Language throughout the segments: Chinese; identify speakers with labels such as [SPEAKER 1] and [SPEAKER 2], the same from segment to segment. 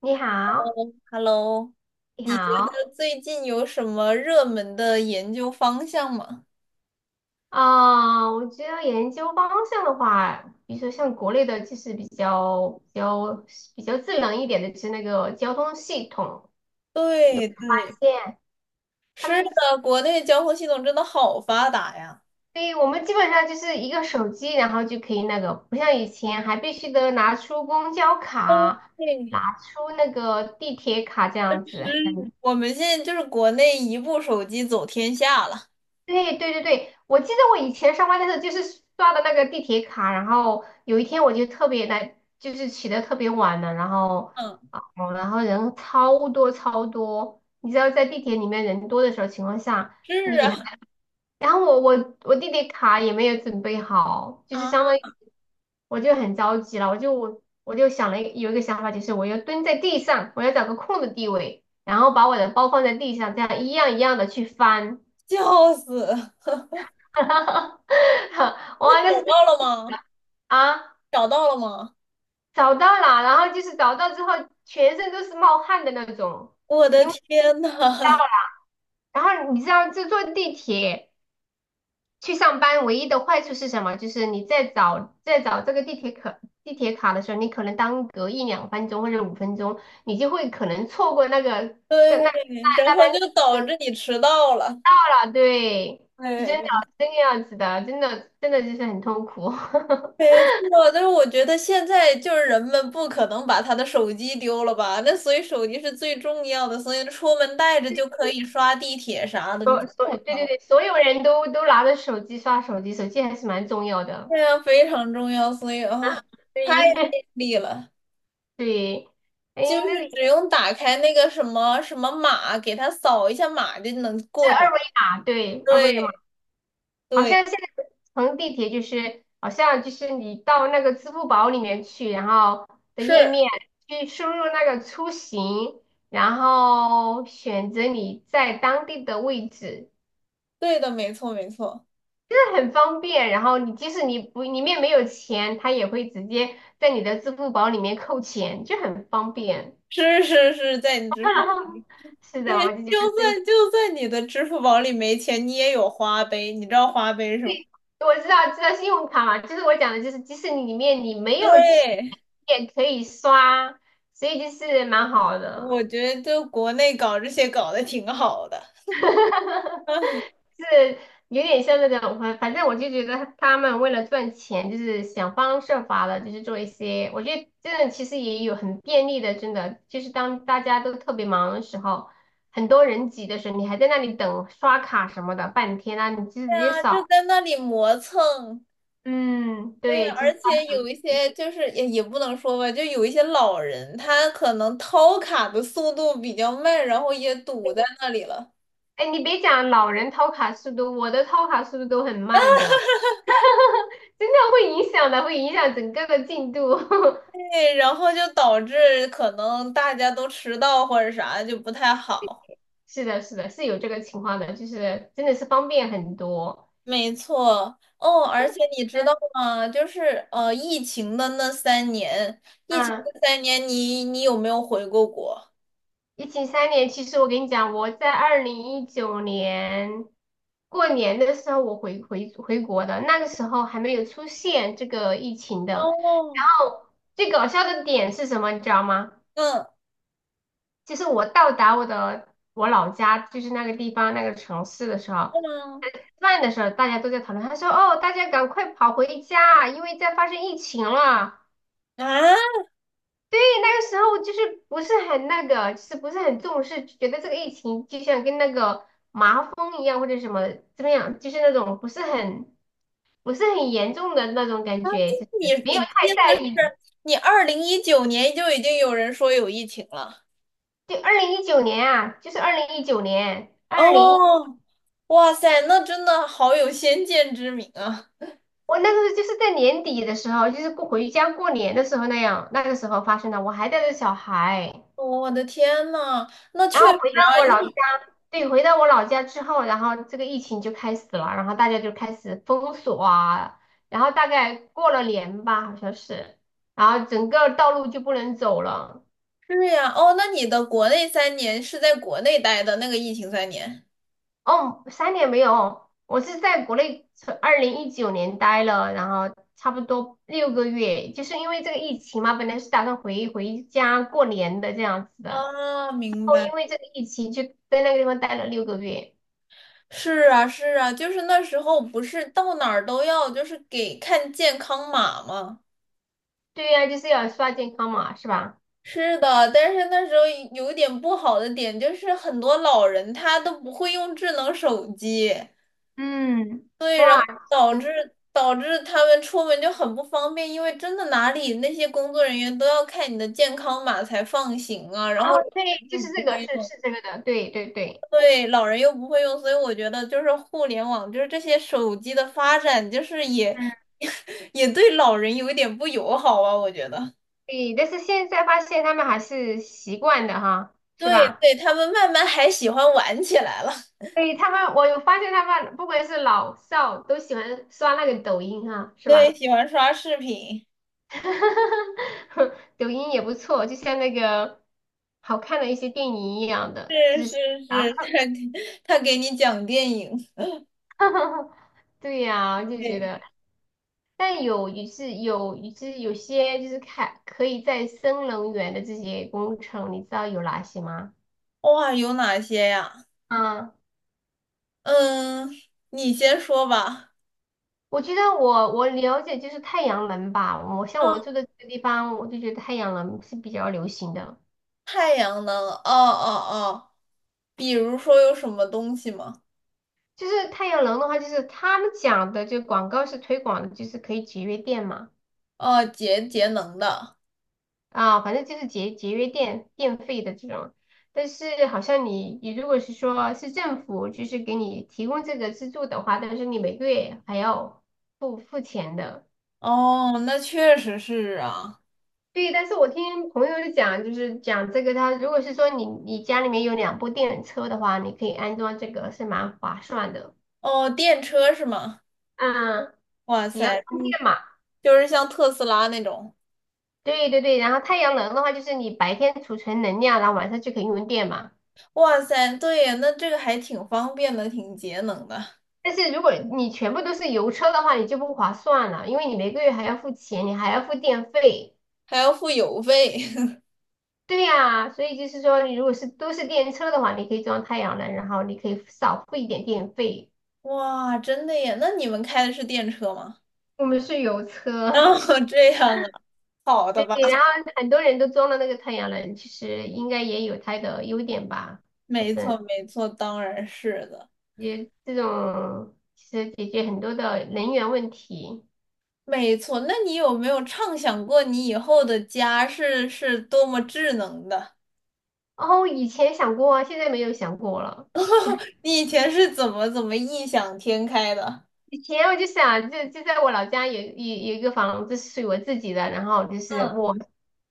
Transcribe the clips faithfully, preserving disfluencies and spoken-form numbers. [SPEAKER 1] 你好，
[SPEAKER 2] Hello,
[SPEAKER 1] 你好，
[SPEAKER 2] 呃最近有什么热门的研究方向吗？
[SPEAKER 1] 啊，我觉得研究方向的话，比如说像国内的，就是比较比较比较智能一点的，就是那个交通系统，有
[SPEAKER 2] 对
[SPEAKER 1] 发
[SPEAKER 2] 对，
[SPEAKER 1] 现他
[SPEAKER 2] 是
[SPEAKER 1] 们，
[SPEAKER 2] 的，国内交通系统真的好发达呀。
[SPEAKER 1] 对，我们基本上就是一个手机，然后就可以那个，不像以前还必须得拿出公交卡，
[SPEAKER 2] 对，
[SPEAKER 1] 拿出那个地铁卡这样子。
[SPEAKER 2] 是，我们现在就是国内一部手机走天下了。
[SPEAKER 1] 对对对对，我记得我以前上班的时候就是刷的那个地铁卡，然后有一天我就特别来，就是起得特别晚了，然后
[SPEAKER 2] 嗯，
[SPEAKER 1] 啊，哦，然后人超多超多，你知道在地铁里面人多的时候情况下，
[SPEAKER 2] 是
[SPEAKER 1] 你还
[SPEAKER 2] 啊，
[SPEAKER 1] 然后我我我地铁卡也没有准备好，就是
[SPEAKER 2] 啊，
[SPEAKER 1] 相当于我就很着急了，我就我我就想了一有一个想法，就是我要蹲在地上，我要找个空的地位，然后把我的包放在地上，这样一样一样的去翻。
[SPEAKER 2] 笑死！
[SPEAKER 1] 哈哈哈！
[SPEAKER 2] 那
[SPEAKER 1] 哇，那
[SPEAKER 2] 找
[SPEAKER 1] 是真
[SPEAKER 2] 到了
[SPEAKER 1] 的
[SPEAKER 2] 吗？
[SPEAKER 1] 啊！
[SPEAKER 2] 找到了吗？
[SPEAKER 1] 找到了，然后就是找到之后，全身都是冒汗的那种。
[SPEAKER 2] 我的
[SPEAKER 1] 因为，
[SPEAKER 2] 天呐，
[SPEAKER 1] 然后你知道，这坐地铁去上班唯一的坏处是什么？就是你在找在找这个地铁卡地铁卡的时候，你可能耽搁一两分钟或者五分钟，你就会可能错过那个那那
[SPEAKER 2] 对，
[SPEAKER 1] 那
[SPEAKER 2] 然
[SPEAKER 1] 那班
[SPEAKER 2] 后就导致你迟到了。
[SPEAKER 1] 车了。对，是真的，
[SPEAKER 2] 对，
[SPEAKER 1] 真的样子的，真的真的就是很痛苦。
[SPEAKER 2] 没错，但是我觉得现在就是人们不可能把他的手机丢了吧？那所以手机是最重要的，所以出门带着就可以刷地铁啥的，你知
[SPEAKER 1] 所
[SPEAKER 2] 道
[SPEAKER 1] 对
[SPEAKER 2] 吗？
[SPEAKER 1] 对对，所有人都都拿着手机刷手机，手机还是蛮重要的。
[SPEAKER 2] 这样非常重要，所以啊，太
[SPEAKER 1] 对。
[SPEAKER 2] 利了，
[SPEAKER 1] 对，哎，
[SPEAKER 2] 就
[SPEAKER 1] 那
[SPEAKER 2] 是
[SPEAKER 1] 你这
[SPEAKER 2] 只用打开那个什么什么码，给他扫一下码就能过着。
[SPEAKER 1] 二维码，对，二
[SPEAKER 2] 对
[SPEAKER 1] 维码，好
[SPEAKER 2] 对，
[SPEAKER 1] 像现在乘地铁就是，好像就是你到那个支付宝里面去，然后的
[SPEAKER 2] 是
[SPEAKER 1] 页面去输入那个出行，然后选择你在当地的位置，
[SPEAKER 2] 对的，没错没错，
[SPEAKER 1] 这很方便。然后你即使你不里面没有钱，它也会直接在你的支付宝里面扣钱，就很方便。
[SPEAKER 2] 是是是在你支付。
[SPEAKER 1] 是的，
[SPEAKER 2] 对，
[SPEAKER 1] 我就觉
[SPEAKER 2] 就
[SPEAKER 1] 得这，
[SPEAKER 2] 算就算你的支付宝里没钱，你也有花呗，你知道花呗是吗？
[SPEAKER 1] 我知道知道信用卡嘛，就是我讲的，就是即使你里面你没有钱，
[SPEAKER 2] 对，
[SPEAKER 1] 也可以刷，所以就是蛮好的。
[SPEAKER 2] 我觉得就国内搞这些搞得挺好的。啊
[SPEAKER 1] 是有点像那种，反反正我就觉得他们为了赚钱，就是想方设法的，就是做一些，我觉得真的其实也有很便利的，真的就是当大家都特别忙的时候，很多人挤的时候，你还在那里等刷卡什么的半天啊，你就
[SPEAKER 2] 对
[SPEAKER 1] 直接
[SPEAKER 2] 啊，就
[SPEAKER 1] 扫。
[SPEAKER 2] 在那里磨蹭。
[SPEAKER 1] 嗯，
[SPEAKER 2] 对，
[SPEAKER 1] 对，就是。
[SPEAKER 2] 而且有一些就是也也不能说吧，就有一些老人，他可能掏卡的速度比较慢，然后也堵在那里了。
[SPEAKER 1] 哎，你别讲老人掏卡速度，我的掏卡速度都很慢的，真的会影响的，会影响整个的进度。
[SPEAKER 2] 对，然后就导致可能大家都迟到或者啥就不太好。
[SPEAKER 1] 是的，是的，是有这个情况的，就是真的是方便很多。
[SPEAKER 2] 没错，哦，而且你知
[SPEAKER 1] 嗯
[SPEAKER 2] 道吗？就是呃，疫情的那三年，疫情
[SPEAKER 1] 嗯，
[SPEAKER 2] 的三年你，你有没有回过国？
[SPEAKER 1] 疫情三年，其实我跟你讲，我在二零一九年过年的时候，我回回回国的，那个时候还没有出现这个疫情的。
[SPEAKER 2] 哦，
[SPEAKER 1] 然后最搞笑的点是什么，你知道吗？
[SPEAKER 2] 嗯
[SPEAKER 1] 就是我到达我的我老家，就是那个地方那个城市的时候，
[SPEAKER 2] 嗯
[SPEAKER 1] 吃饭的时候大家都在讨论，他说："哦，大家赶快跑回家，因为在发生疫情了。"
[SPEAKER 2] 啊，
[SPEAKER 1] 对，那个时候就是不是很那个，就是不是很重视，觉得这个疫情就像跟那个麻风一样或者什么怎么样，就是那种不是很不是很严重的那种感觉，就
[SPEAKER 2] 你
[SPEAKER 1] 是没有
[SPEAKER 2] 你的意
[SPEAKER 1] 太
[SPEAKER 2] 思
[SPEAKER 1] 在意。
[SPEAKER 2] 是，你二零一九年就已经有人说有疫情了？
[SPEAKER 1] 就二零一九年啊，就是二零一九年，二零
[SPEAKER 2] 哦，哇塞，那真的好有先见之明啊！
[SPEAKER 1] 我那个时候就是在年底的时候，就是过回家过年的时候那样，那个时候发生的。我还带着小孩，
[SPEAKER 2] 哦我的天呐，那确
[SPEAKER 1] 然后
[SPEAKER 2] 实
[SPEAKER 1] 回到
[SPEAKER 2] 啊，
[SPEAKER 1] 我老家，
[SPEAKER 2] 疫
[SPEAKER 1] 对，回到我老家之后，然后这个疫情就开始了，然后大家就开始封锁啊，然后大概过了年吧，好像是，然后整个道路就不能走了。
[SPEAKER 2] 是呀，哦，那你的国内三年是在国内待的那个疫情三年
[SPEAKER 1] 哦，三年没有哦，我是在国内从二零一九年待了，然后差不多六个月，就是因为这个疫情嘛，本来是打算回回家过年的这样子的，然
[SPEAKER 2] 啊，明
[SPEAKER 1] 后
[SPEAKER 2] 白。
[SPEAKER 1] 因为这个疫情就在那个地方待了六个月。
[SPEAKER 2] 是啊，是啊，就是那时候不是到哪儿都要就是给看健康码吗？
[SPEAKER 1] 对呀，就是要刷健康码是吧？
[SPEAKER 2] 是的，但是那时候有一点不好的点就是很多老人他都不会用智能手机，
[SPEAKER 1] 嗯，
[SPEAKER 2] 对，然
[SPEAKER 1] 哇，
[SPEAKER 2] 后导致
[SPEAKER 1] 嗯，
[SPEAKER 2] 导致他们出门就很不方便，因为真的哪里那些工作人员都要看你的健康码才放行啊，然后
[SPEAKER 1] 哦，
[SPEAKER 2] 老
[SPEAKER 1] 对，
[SPEAKER 2] 人
[SPEAKER 1] 就
[SPEAKER 2] 又
[SPEAKER 1] 是
[SPEAKER 2] 不
[SPEAKER 1] 这个，
[SPEAKER 2] 会
[SPEAKER 1] 是
[SPEAKER 2] 用，
[SPEAKER 1] 是这个的，对对对，
[SPEAKER 2] 对，老人又不会用，所以我觉得就是互联网就是这些手机的发展，就是也
[SPEAKER 1] 嗯，
[SPEAKER 2] 也对老人有一点不友好啊，我觉得，
[SPEAKER 1] 对，但是现在发现他们还是习惯的哈，是
[SPEAKER 2] 对
[SPEAKER 1] 吧？
[SPEAKER 2] 对，他们慢慢还喜欢玩起来了。
[SPEAKER 1] 对他们，我有发现他们不管是老少都喜欢刷那个抖音啊，是
[SPEAKER 2] 对，
[SPEAKER 1] 吧？
[SPEAKER 2] 喜欢刷视频，
[SPEAKER 1] 抖音也不错，就像那个好看的一些电影一样的
[SPEAKER 2] 是是是，
[SPEAKER 1] 啊。
[SPEAKER 2] 他给他给你讲电影，
[SPEAKER 1] 对呀，我就觉
[SPEAKER 2] 对，
[SPEAKER 1] 得，但有也是有，就是有些就是看可以再生能源的这些工程，你知道有哪些吗？
[SPEAKER 2] 哇，有哪些呀？
[SPEAKER 1] 嗯，
[SPEAKER 2] 嗯，你先说吧。
[SPEAKER 1] 我觉得我我了解就是太阳能吧，我像我
[SPEAKER 2] 嗯，
[SPEAKER 1] 住的这个地方，我就觉得太阳能是比较流行的。
[SPEAKER 2] 太阳能，哦哦哦，比如说有什么东西吗？
[SPEAKER 1] 就是太阳能的话，就是他们讲的，就广告是推广的，就是可以节约电嘛，
[SPEAKER 2] 哦，节节能的，
[SPEAKER 1] 啊，反正就是节节约电电费的这种。但是好像你你如果是说是政府就是给你提供这个资助的话，但是你每个月还要付付钱的。
[SPEAKER 2] 哦，那确实是啊。
[SPEAKER 1] 对，但是我听朋友就讲，就是讲这个他，如果是说你你家里面有两部电车的话，你可以安装这个是蛮划算的。
[SPEAKER 2] 哦，电车是吗？
[SPEAKER 1] 嗯，
[SPEAKER 2] 哇
[SPEAKER 1] 也要
[SPEAKER 2] 塞，
[SPEAKER 1] 充
[SPEAKER 2] 嗯，
[SPEAKER 1] 电嘛。
[SPEAKER 2] 就是像特斯拉那种。
[SPEAKER 1] 对对对，然后太阳能的话，就是你白天储存能量，然后晚上就可以用电嘛。
[SPEAKER 2] 哇塞，对呀，那这个还挺方便的，挺节能的，
[SPEAKER 1] 但是如果你全部都是油车的话，你就不划算了，因为你每个月还要付钱，你还要付电费。
[SPEAKER 2] 还要付邮费。
[SPEAKER 1] 对呀，所以就是说，你如果是都是电车的话，你可以装太阳能，然后你可以少付一点电费。
[SPEAKER 2] 哇，真的耶！那你们开的是电车吗？
[SPEAKER 1] 我们是油 车。
[SPEAKER 2] 哦，这样啊，好的
[SPEAKER 1] 对，
[SPEAKER 2] 吧，
[SPEAKER 1] 然后很多人都装了那个太阳能，其实应该也有它的优点吧。反
[SPEAKER 2] 没
[SPEAKER 1] 正
[SPEAKER 2] 错，没错，当然是的，
[SPEAKER 1] 也这种其实解决很多的能源问题。
[SPEAKER 2] 没错。那你有没有畅想过你以后的家是是多么智能的？
[SPEAKER 1] 哦，以前想过啊，现在没有想过了。
[SPEAKER 2] 你以前是怎么怎么异想天开的？
[SPEAKER 1] 以前我就想，就就在我老家有有有一个房子是属于我自己的，然后就是
[SPEAKER 2] 嗯，
[SPEAKER 1] 我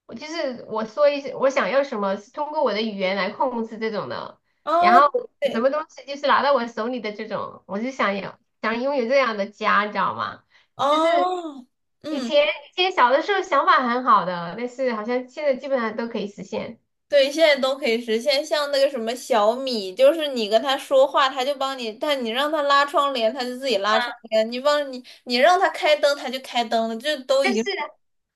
[SPEAKER 1] 我就是我说一些我想要什么，是通过我的语言来控制这种的，然
[SPEAKER 2] 哦，
[SPEAKER 1] 后什么
[SPEAKER 2] 对，
[SPEAKER 1] 东西就是拿到我手里的这种，我就想有想拥有这样的家，你知道吗？就是
[SPEAKER 2] 哦，
[SPEAKER 1] 以
[SPEAKER 2] 嗯
[SPEAKER 1] 前以前小的时候想法很好的，但是好像现在基本上都可以实现。
[SPEAKER 2] 对，现在都可以实现。像那个什么小米，就是你跟他说话，他就帮你；但你让他拉窗帘，他就自己拉窗帘；你帮你，你让他开灯，他就开灯了，这都已
[SPEAKER 1] 但是，
[SPEAKER 2] 经，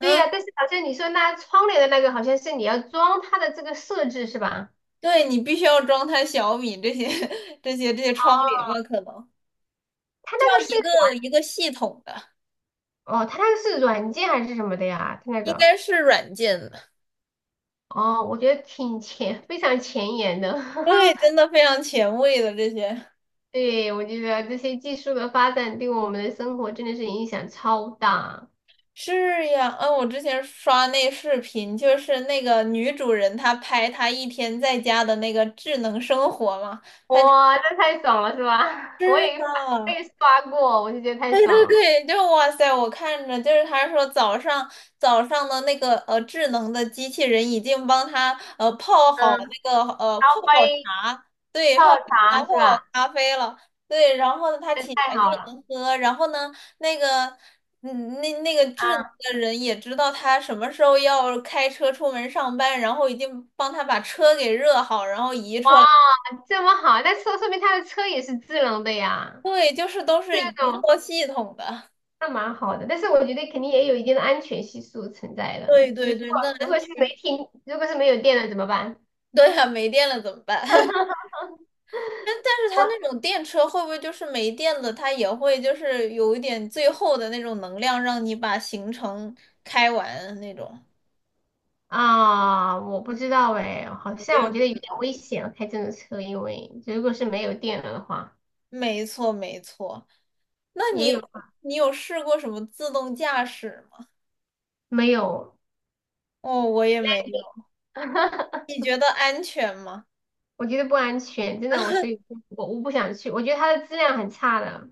[SPEAKER 1] 对呀，但是好像你说那窗帘的那个，好像是你要装它的这个设置是吧？
[SPEAKER 2] 对你必须要装他小米这些、这些、这些窗帘了，可能
[SPEAKER 1] 它
[SPEAKER 2] 就
[SPEAKER 1] 那个
[SPEAKER 2] 要
[SPEAKER 1] 是
[SPEAKER 2] 一
[SPEAKER 1] 软
[SPEAKER 2] 个一个系统的，
[SPEAKER 1] 哦，它那个是软件还是什么的呀？它那
[SPEAKER 2] 应
[SPEAKER 1] 个
[SPEAKER 2] 该是软件的。
[SPEAKER 1] 哦，我觉得挺前，非常前沿的。
[SPEAKER 2] 对，真 的非常前卫的这些。
[SPEAKER 1] 对，我觉得这些技术的发展对我们的生活真的是影响超大。
[SPEAKER 2] 是呀，嗯，我之前刷那视频，就是那个女主人她拍她一天在家的那个智能生活嘛。
[SPEAKER 1] 哇，这太爽了是吧？我也我
[SPEAKER 2] 啊，
[SPEAKER 1] 也刷过，我就觉得太
[SPEAKER 2] 对
[SPEAKER 1] 爽
[SPEAKER 2] 对
[SPEAKER 1] 了。
[SPEAKER 2] 对，就哇塞！我看着就是他说早上早上的那个呃智能的机器人已经帮他呃泡好
[SPEAKER 1] 嗯，
[SPEAKER 2] 那个呃泡
[SPEAKER 1] 烧
[SPEAKER 2] 好
[SPEAKER 1] 杯
[SPEAKER 2] 茶，对，
[SPEAKER 1] 泡
[SPEAKER 2] 泡好茶
[SPEAKER 1] 茶
[SPEAKER 2] 泡
[SPEAKER 1] 是
[SPEAKER 2] 好
[SPEAKER 1] 吧？
[SPEAKER 2] 咖啡了，对，然后呢他
[SPEAKER 1] 这
[SPEAKER 2] 起
[SPEAKER 1] 太
[SPEAKER 2] 来就
[SPEAKER 1] 好了。
[SPEAKER 2] 能喝，然后呢那个嗯那那个智能
[SPEAKER 1] 嗯，
[SPEAKER 2] 的人也知道他什么时候要开车出门上班，然后已经帮他把车给热好，然后移
[SPEAKER 1] 哇，
[SPEAKER 2] 出来，
[SPEAKER 1] 这么好，那说说明他的车也是智能的呀。
[SPEAKER 2] 对，就是都是
[SPEAKER 1] 这
[SPEAKER 2] 一
[SPEAKER 1] 种
[SPEAKER 2] 套系统的。
[SPEAKER 1] 那蛮好的。但是我觉得肯定也有一定的安全系数存在 的。
[SPEAKER 2] 对
[SPEAKER 1] 其
[SPEAKER 2] 对
[SPEAKER 1] 实如
[SPEAKER 2] 对，
[SPEAKER 1] 果
[SPEAKER 2] 那
[SPEAKER 1] 如果是
[SPEAKER 2] 确
[SPEAKER 1] 没
[SPEAKER 2] 实
[SPEAKER 1] 停，如果是没有电了怎么办？
[SPEAKER 2] 对呀、没电了怎么办？但但是它
[SPEAKER 1] 我
[SPEAKER 2] 那种电车会不会就是没电了，它也会就是有一点最后的那种能量，让你把行程开完那种？
[SPEAKER 1] 啊，我不知道哎，好
[SPEAKER 2] 我
[SPEAKER 1] 像
[SPEAKER 2] 也
[SPEAKER 1] 我
[SPEAKER 2] 不
[SPEAKER 1] 觉得有
[SPEAKER 2] 知
[SPEAKER 1] 点危
[SPEAKER 2] 道。
[SPEAKER 1] 险啊开这种车，因为如果是没有电了的话，
[SPEAKER 2] 没错，没错。那你
[SPEAKER 1] 也
[SPEAKER 2] 有
[SPEAKER 1] 有
[SPEAKER 2] 你有试过什么自动驾驶吗？
[SPEAKER 1] 没有
[SPEAKER 2] 哦，我也没有。
[SPEAKER 1] landing。
[SPEAKER 2] 你觉得安全吗？
[SPEAKER 1] 我觉得不安全，真的我所以我我不想去，我觉得它的质量很差的。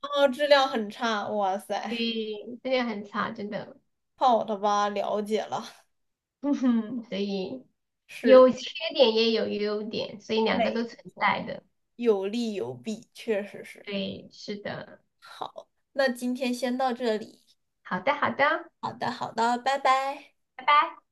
[SPEAKER 2] 哦，质量很差。哇塞，
[SPEAKER 1] 对，以这个很差，真的。
[SPEAKER 2] 好的吧，了解了。
[SPEAKER 1] 嗯哼，所以
[SPEAKER 2] 是的，
[SPEAKER 1] 有缺点也有优点，所以两个都
[SPEAKER 2] 没
[SPEAKER 1] 存
[SPEAKER 2] 错，
[SPEAKER 1] 在的。
[SPEAKER 2] 有利有弊，确实是。
[SPEAKER 1] 对，是的。
[SPEAKER 2] 好，那今天先到这里。
[SPEAKER 1] 好的，好的，
[SPEAKER 2] 好的，好的，拜拜。
[SPEAKER 1] 拜拜。